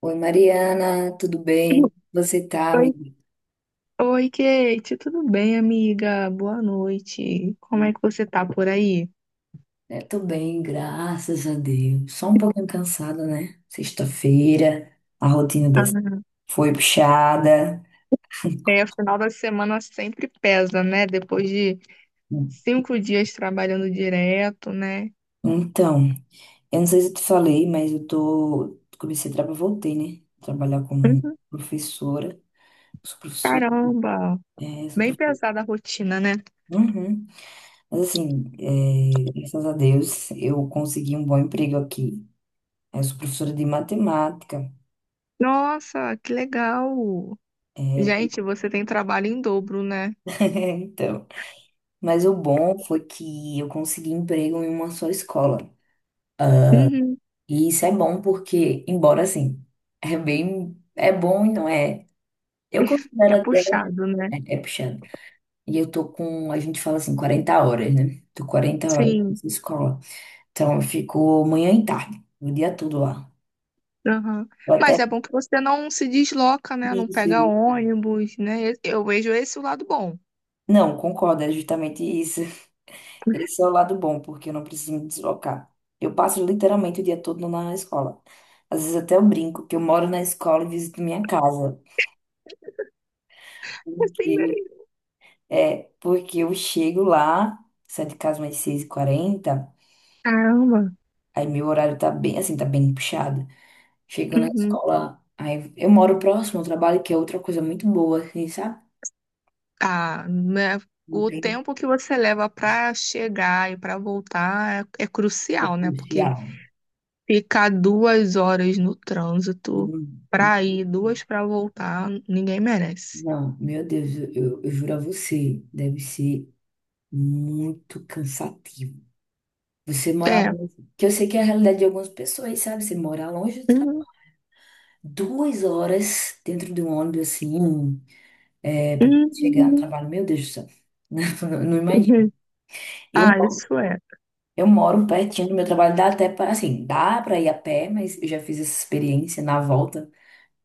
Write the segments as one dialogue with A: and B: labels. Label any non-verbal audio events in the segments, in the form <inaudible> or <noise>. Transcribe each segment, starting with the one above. A: Oi, Mariana, tudo bem? Você tá,
B: Oi,
A: amiga?
B: oi, Kate, tudo bem, amiga? Boa noite. Como é que você tá por aí?
A: Tô bem, graças a Deus. Só um pouquinho cansada, né? Sexta-feira, a rotina
B: Ah,
A: dessa foi puxada.
B: é, final da semana sempre pesa, né? Depois de 5 dias trabalhando direto, né?
A: Então, eu não sei se eu te falei, mas eu tô. Comecei a trabalhar, voltei, né? Trabalhar como
B: Uhum.
A: professora. Sou professora.
B: Caramba,
A: Sou
B: bem
A: professora.
B: pesada a rotina, né?
A: Uhum. Mas assim, graças a Deus, eu consegui um bom emprego aqui. Eu sou professora de matemática.
B: Nossa, que legal!
A: É,
B: Gente, você tem trabalho em dobro, né?
A: <laughs> então. Mas o bom foi que eu consegui emprego em uma só escola.
B: Uhum.
A: E isso é bom porque, embora assim, é bem, é bom e não é. Eu
B: É
A: considero até
B: puxado, né?
A: é puxado. E a gente fala assim, 40 horas, né? Tô quarenta horas
B: Sim.
A: nessa escola. Então eu fico manhã e tarde, o dia todo lá.
B: Aham.
A: Eu
B: Mas
A: até
B: é bom que você não se desloca, né? Não
A: isso.
B: pega ônibus, né? Eu vejo esse o lado bom.
A: Não, concordo, é justamente isso. Esse é o lado bom, porque eu não preciso me deslocar. Eu passo literalmente o dia todo na escola. Às vezes até eu brinco que eu moro na escola e visito minha casa.
B: Assim, né?
A: Porque, porque eu chego lá, saio de casa mais seis h 40,
B: Caramba.
A: aí meu horário tá bem, assim, tá bem puxado. Chego na
B: Uhum.
A: escola, aí eu moro próximo ao trabalho, que é outra coisa muito boa, assim, sabe?
B: Ah, né?
A: Não
B: O
A: tem
B: tempo que você leva para chegar e para voltar é
A: é
B: crucial, né? Porque
A: policial.
B: ficar 2 horas no trânsito
A: Não,
B: para ir, duas para voltar, ninguém merece.
A: não, meu Deus, eu juro a você, deve ser muito cansativo. Você morar
B: É.
A: longe, que eu sei que é a realidade de algumas pessoas, sabe? Você morar longe do trabalho,
B: Uhum. <laughs>
A: duas horas dentro de um ônibus assim, para chegar no
B: Uhum.
A: trabalho, meu Deus do céu, <laughs> não, não imagino.
B: Uhum.
A: Eu,
B: Ah,
A: mo-
B: isso é.
A: eu moro pertinho do meu trabalho, dá até para, assim, dá para ir a pé, mas eu já fiz essa experiência na volta.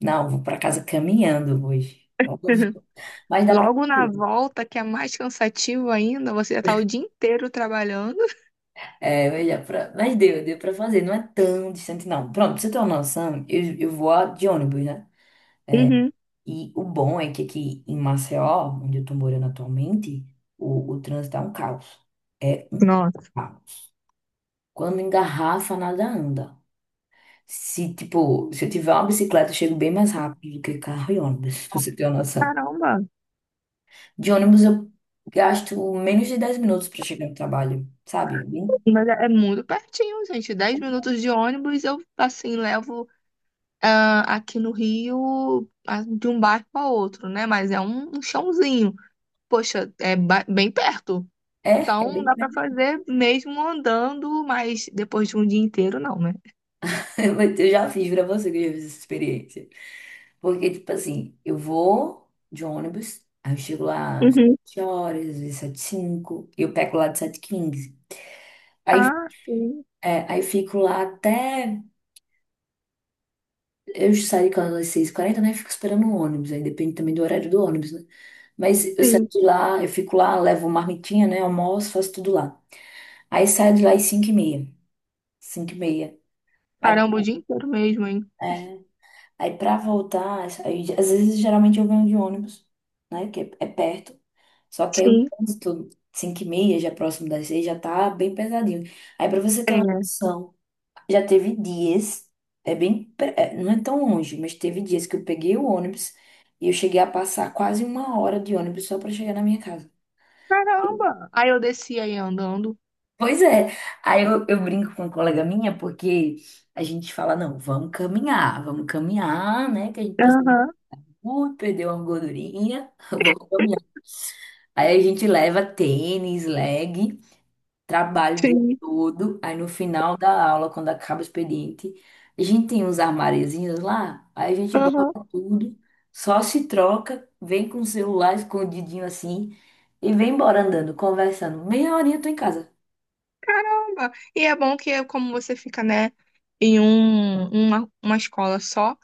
A: Não, vou para casa caminhando hoje. Eu-
B: <laughs>
A: Mas dá para
B: Logo na
A: fazer.
B: volta, que é mais cansativo ainda, você já tá o dia inteiro trabalhando.
A: É, mas, dá pra- mas deu, deu para fazer, não é tão distante, não. Pronto, pra você ter uma noção, eu vou de ônibus, né?
B: Uhum.
A: E o bom é que aqui em Maceió, onde eu tô morando atualmente, o trânsito é um caos. É
B: Nossa,
A: caos. Quando engarrafa, nada anda. Se, tipo, se eu tiver uma bicicleta, eu chego bem mais rápido do que carro e ônibus, <laughs> pra você ter uma noção.
B: caramba.
A: De ônibus, eu gasto menos de 10 minutos pra chegar no trabalho, sabe? É, bem-
B: Mas é muito pertinho, gente. 10 minutos de ônibus eu, assim, levo aqui no Rio de um bairro a outro, né? Mas é um chãozinho. Poxa, é bem perto.
A: é é
B: Então
A: bem
B: dá pra fazer mesmo andando, mas depois de um dia inteiro, não, né?
A: <laughs> Eu já fiz pra você que eu já fiz essa experiência. Porque, tipo assim, eu vou de ônibus, aí eu chego lá às
B: Uhum.
A: 7 horas, às vezes 7 5, e eu pego lá de 7:15.
B: Ah, sim,
A: É, aí fico lá até. Eu saio de casa às 6:40, né? Fico esperando o ônibus, aí depende também do horário do ônibus, né? Mas eu saio
B: sim.
A: de lá, eu fico lá, levo marmitinha, né? Almoço, faço tudo lá. Aí saio de lá às cinco e meia cinco e meia. Aí,
B: Caramba, o dia inteiro mesmo, hein?
A: é, Aí pra voltar, aí, às vezes geralmente eu venho de ônibus, né? É perto. Só que aí o
B: Sim.
A: trânsito, 5 e meia, já próximo das 6, já tá bem pesadinho. Aí pra você ter uma
B: É.
A: noção, já teve dias, não é tão longe, mas teve dias que eu peguei o ônibus e eu cheguei a passar quase uma hora de ônibus só pra chegar na minha casa.
B: Caramba! Aí eu descia aí andando.
A: Pois é, aí eu brinco com uma colega minha porque a gente fala, não, vamos caminhar, né? Que a gente precisa.
B: Aham,
A: Ui, perdeu uma gordurinha, <laughs> vou caminhar. Aí a gente leva tênis, leg, trabalho o dia
B: sim.
A: todo. Aí no final da aula, quando acaba o expediente, a gente tem uns armáriozinhos lá, aí a gente
B: Aham.
A: guarda tudo, só se troca, vem com o celular escondidinho assim e vem embora andando, conversando. Meia horinha eu tô em casa.
B: Caramba! E é bom que é como você fica, né, em um, uma escola só,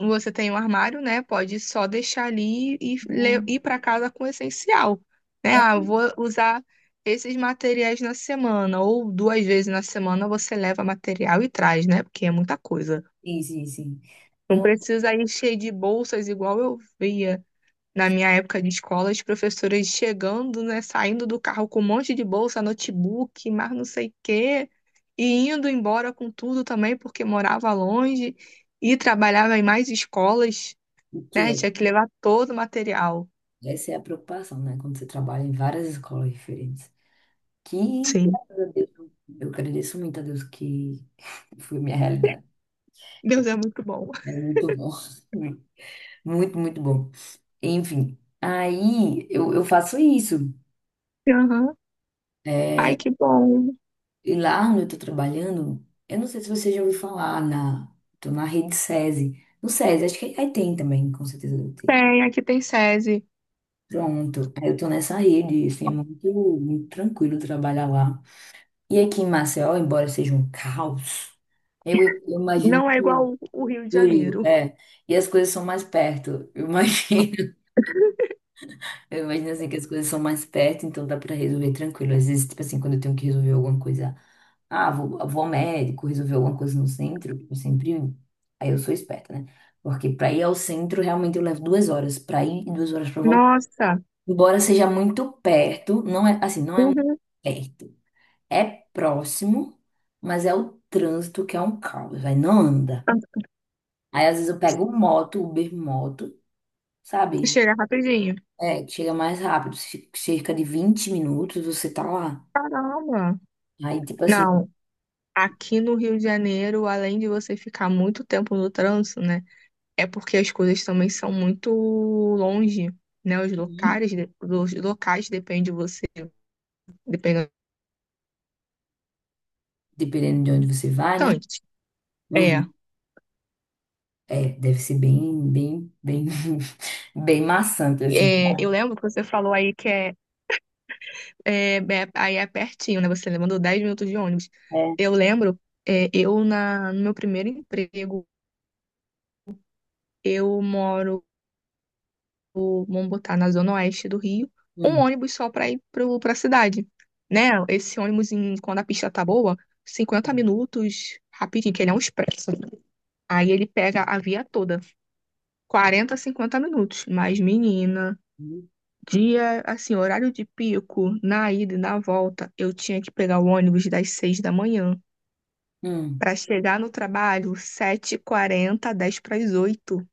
B: você tem um armário, né? Pode só deixar ali e
A: Hum.
B: ir para casa com o essencial, né?
A: É.
B: Ah, eu vou usar esses materiais na semana, ou 2 vezes na semana você leva material e traz, né? Porque é muita coisa.
A: Sim, sim, sim.
B: Não
A: Não,
B: precisa ir cheio de bolsas igual eu via. Na minha época de escola, as professoras chegando, né, saindo do carro com um monte de bolsa, notebook, mas não sei o quê, e indo embora com tudo também, porque morava longe e trabalhava em mais escolas, né?
A: porque
B: Tinha que levar todo o material.
A: essa é a preocupação, né? Quando você trabalha em várias escolas diferentes. Que,
B: Sim.
A: graças a Deus, eu agradeço muito a Deus que <laughs> foi minha realidade.
B: Deus é muito bom.
A: É
B: <laughs>
A: muito bom. <laughs> Muito, muito bom. Enfim, aí eu faço isso.
B: Aham.
A: É.
B: Ai, que bom.
A: E lá onde eu tô trabalhando, eu não sei se você já ouviu falar na, tô na rede SESI. No SESI, acho que aí tem também, com certeza deve ter.
B: Tem, aqui tem SESI.
A: Pronto, aí eu tô nessa rede, assim, é muito, muito tranquilo trabalhar lá. E aqui em Maceió, embora seja um caos, eu imagino
B: Não é igual
A: que
B: o Rio de
A: Fluiu,
B: Janeiro.
A: é. E as coisas são mais perto. Eu imagino, <laughs> eu imagino assim que as coisas são mais perto, então dá pra resolver tranquilo. Às vezes, tipo assim, quando eu tenho que resolver alguma coisa, ah, vou ao médico, resolver alguma coisa no centro, eu sempre. Aí eu sou esperta, né? Porque pra ir ao centro, realmente eu levo duas horas pra ir e duas horas pra voltar.
B: Nossa.
A: Embora seja muito perto, não é assim, não é muito
B: Uhum.
A: perto. É próximo, mas é o trânsito que é um caos, vai, não anda. Aí às vezes eu pego moto, Uber moto, sabe?
B: Chega rapidinho.
A: É, que chega mais rápido, cerca de 20 minutos você tá lá.
B: Caramba.
A: Aí, tipo assim,
B: Não. Aqui no Rio de Janeiro, além de você ficar muito tempo no trânsito, né? É porque as coisas também são muito longe, né? Os
A: uhum,
B: locais, os locais depende de você, dependendo
A: dependendo de onde você vai, né?
B: bastante. É,
A: Uhum. É, deve ser bem, bem, <laughs> bem maçante, assim.
B: é, eu lembro que você falou aí que aí é pertinho, né? Você mandou 10 minutos de ônibus.
A: É.
B: Eu lembro, é, eu no meu primeiro emprego, eu moro, vamos botar, na zona oeste do Rio, um
A: Hum.
B: ônibus só para ir para a cidade, né? Esse ônibus, quando a pista tá boa, 50 minutos, rapidinho, que ele é um expresso. Aí ele pega a via toda, 40, 50 minutos. Mas, menina,
A: Uhum.
B: dia, assim, horário de pico, na ida e na volta, eu tinha que pegar o ônibus das 6 da manhã
A: Hum.
B: para chegar no trabalho sete h 40 10 para as 8,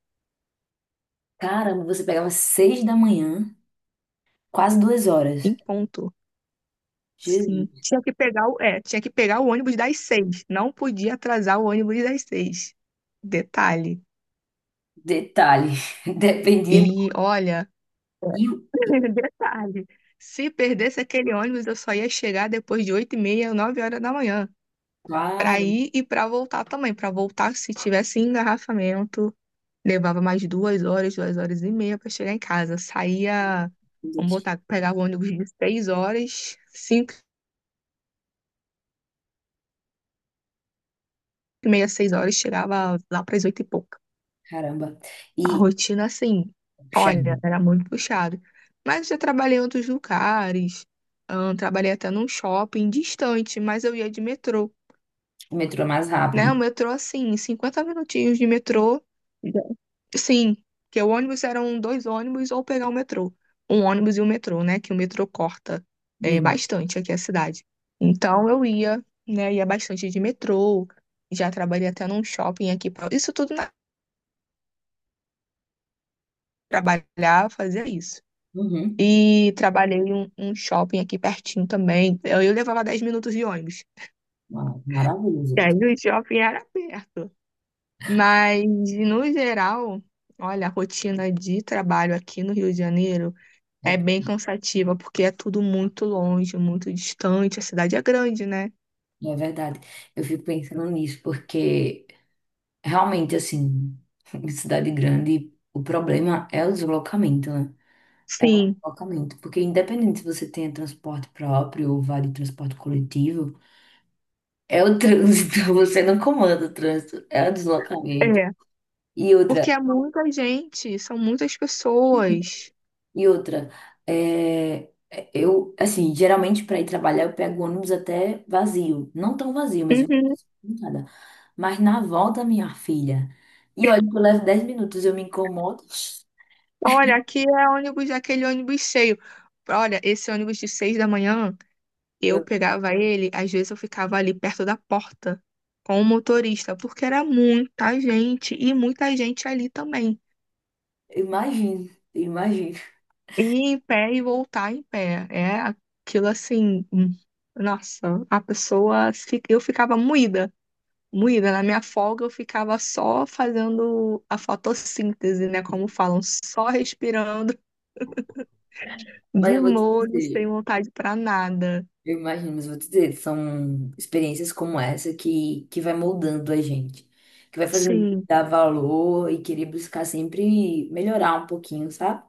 A: Caramba, você pegava seis da manhã, quase duas horas.
B: em ponto. Sim,
A: Jesus.
B: tinha que pegar o ônibus das seis. Não podia atrasar o ônibus das 6. Detalhe.
A: Detalhe, <laughs> dependia do
B: E olha,
A: rio. E,
B: <laughs> detalhe. Se perdesse aquele ônibus, eu só ia chegar depois de 8h30, 9 horas da manhã. Pra
A: claro,
B: ir e pra voltar também. Pra voltar, se tivesse engarrafamento, levava mais 2 horas, 2 horas e meia pra chegar em casa. Saía,
A: meu
B: vamos
A: Deus.
B: botar, pegava o ônibus de 6 horas, 5h30, 6 horas, chegava lá pras oito e pouco.
A: Caramba.
B: A
A: E,
B: rotina, assim,
A: puxa,
B: olha, era muito puxado. Mas eu trabalhei em outros lugares, trabalhei até num shopping distante, mas eu ia de metrô,
A: o metrô é mais
B: né?
A: rápido.
B: O metrô, assim, 50 minutinhos de metrô. Já- Sim, porque o ônibus eram 2 ônibus ou pegar o metrô. Um ônibus e um metrô, né? Que o metrô corta
A: Uhum.
B: bastante aqui a cidade. Então eu ia, né? Ia bastante de metrô, já trabalhei até num shopping aqui. Isso tudo na trabalhar, fazia isso.
A: Uhum.
B: E trabalhei em um shopping aqui pertinho também. Eu levava 10 minutos de ônibus.
A: Ah, maravilhoso.
B: E aí
A: Isso.
B: o shopping era perto. Mas, no geral, olha, a rotina de trabalho aqui no Rio de Janeiro
A: É.
B: é bem cansativa, porque é tudo muito longe, muito distante. A cidade é grande, né?
A: É verdade. Eu fico pensando nisso, porque realmente, assim, <laughs> em cidade grande, o problema é o deslocamento, né? É o
B: Sim,
A: deslocamento. Porque independente se você tenha transporte próprio ou vá de transporte coletivo, é o trânsito, <laughs> você não comanda o trânsito, é o deslocamento.
B: é.
A: E
B: Porque
A: outra,
B: é muita gente, são muitas pessoas.
A: E outra, eu, assim, geralmente para ir trabalhar eu pego ônibus até vazio. Não tão vazio, mas eu não
B: Uhum.
A: consigo nada. Mas na volta, minha filha. E olha, que eu levo 10 minutos, eu me incomodo.
B: Olha, aqui é ônibus, aquele ônibus cheio. Olha, esse ônibus de 6 da manhã. Eu
A: Eu
B: pegava ele, às vezes eu ficava ali perto da porta com o motorista, porque era muita gente e muita gente ali também.
A: imagino, imagino.
B: Ir em pé e voltar em pé. É aquilo assim, nossa, a pessoa, eu ficava moída, moída. Na minha folga eu ficava só fazendo a fotossíntese, né, como falam, só respirando
A: Mas
B: de
A: eu vou te
B: molho,
A: dizer,
B: sem vontade pra nada.
A: eu imagino, mas eu vou te dizer, são experiências como essa que vai moldando a gente. Que vai fazendo a gente
B: Sim.
A: dar valor e querer buscar sempre melhorar um pouquinho, sabe?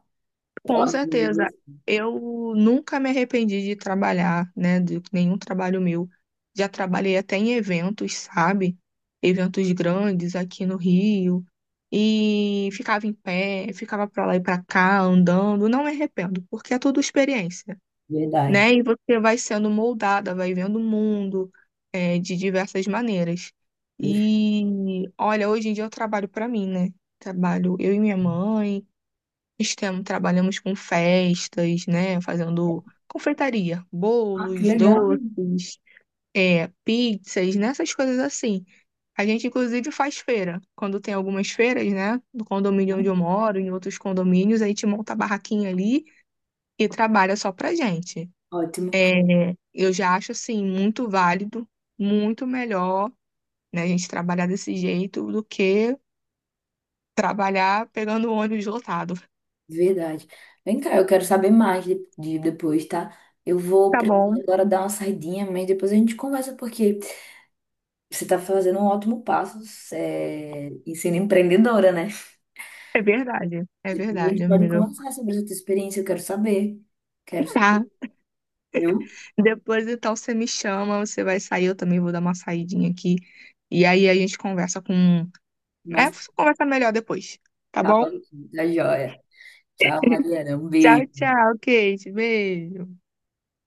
A: Pelo
B: Com
A: amor de Deus.
B: certeza. Eu nunca me arrependi de trabalhar, né? De nenhum trabalho meu. Já trabalhei até em eventos, sabe? Eventos grandes aqui no Rio. E ficava em pé, ficava pra lá e pra cá, andando. Não me arrependo, porque é tudo experiência,
A: Verdade.
B: né? E você vai sendo moldada, vai vendo o mundo, de diversas maneiras. E olha, hoje em dia eu trabalho pra mim, né? Trabalho eu e minha mãe. Trabalhamos com festas, né? Fazendo confeitaria,
A: Ah, que
B: bolos,
A: legal.
B: doces, pizzas, né? Essas coisas assim. A gente, inclusive, faz feira. Quando tem algumas feiras, né? No condomínio onde eu
A: Hum.
B: moro, em outros condomínios, a gente monta a barraquinha ali e trabalha só pra gente.
A: Ótimo,
B: É, eu já acho, assim, muito válido, muito melhor, né? A gente trabalhar desse jeito do que trabalhar pegando o ônibus lotado.
A: verdade. Vem cá, eu quero saber mais de depois, tá? Eu vou
B: Tá
A: precisar
B: bom,
A: agora dar uma saidinha, mas depois a gente conversa, porque você tá fazendo um ótimo passo, é, em sendo empreendedora, né?
B: é verdade. É
A: Depois a gente
B: verdade,
A: pode
B: amigo.
A: conversar sobre essa tua experiência, eu quero saber. Quero
B: Tá.
A: saber, viu?
B: Depois então você me chama, você vai sair, eu também vou dar uma saidinha aqui. E aí a gente conversa com. É,
A: Mas
B: conversa melhor depois, tá
A: tá, tá
B: bom?
A: joia. Tchau, Mariana. Um
B: Tchau,
A: beijo.
B: tchau, Kate. Beijo.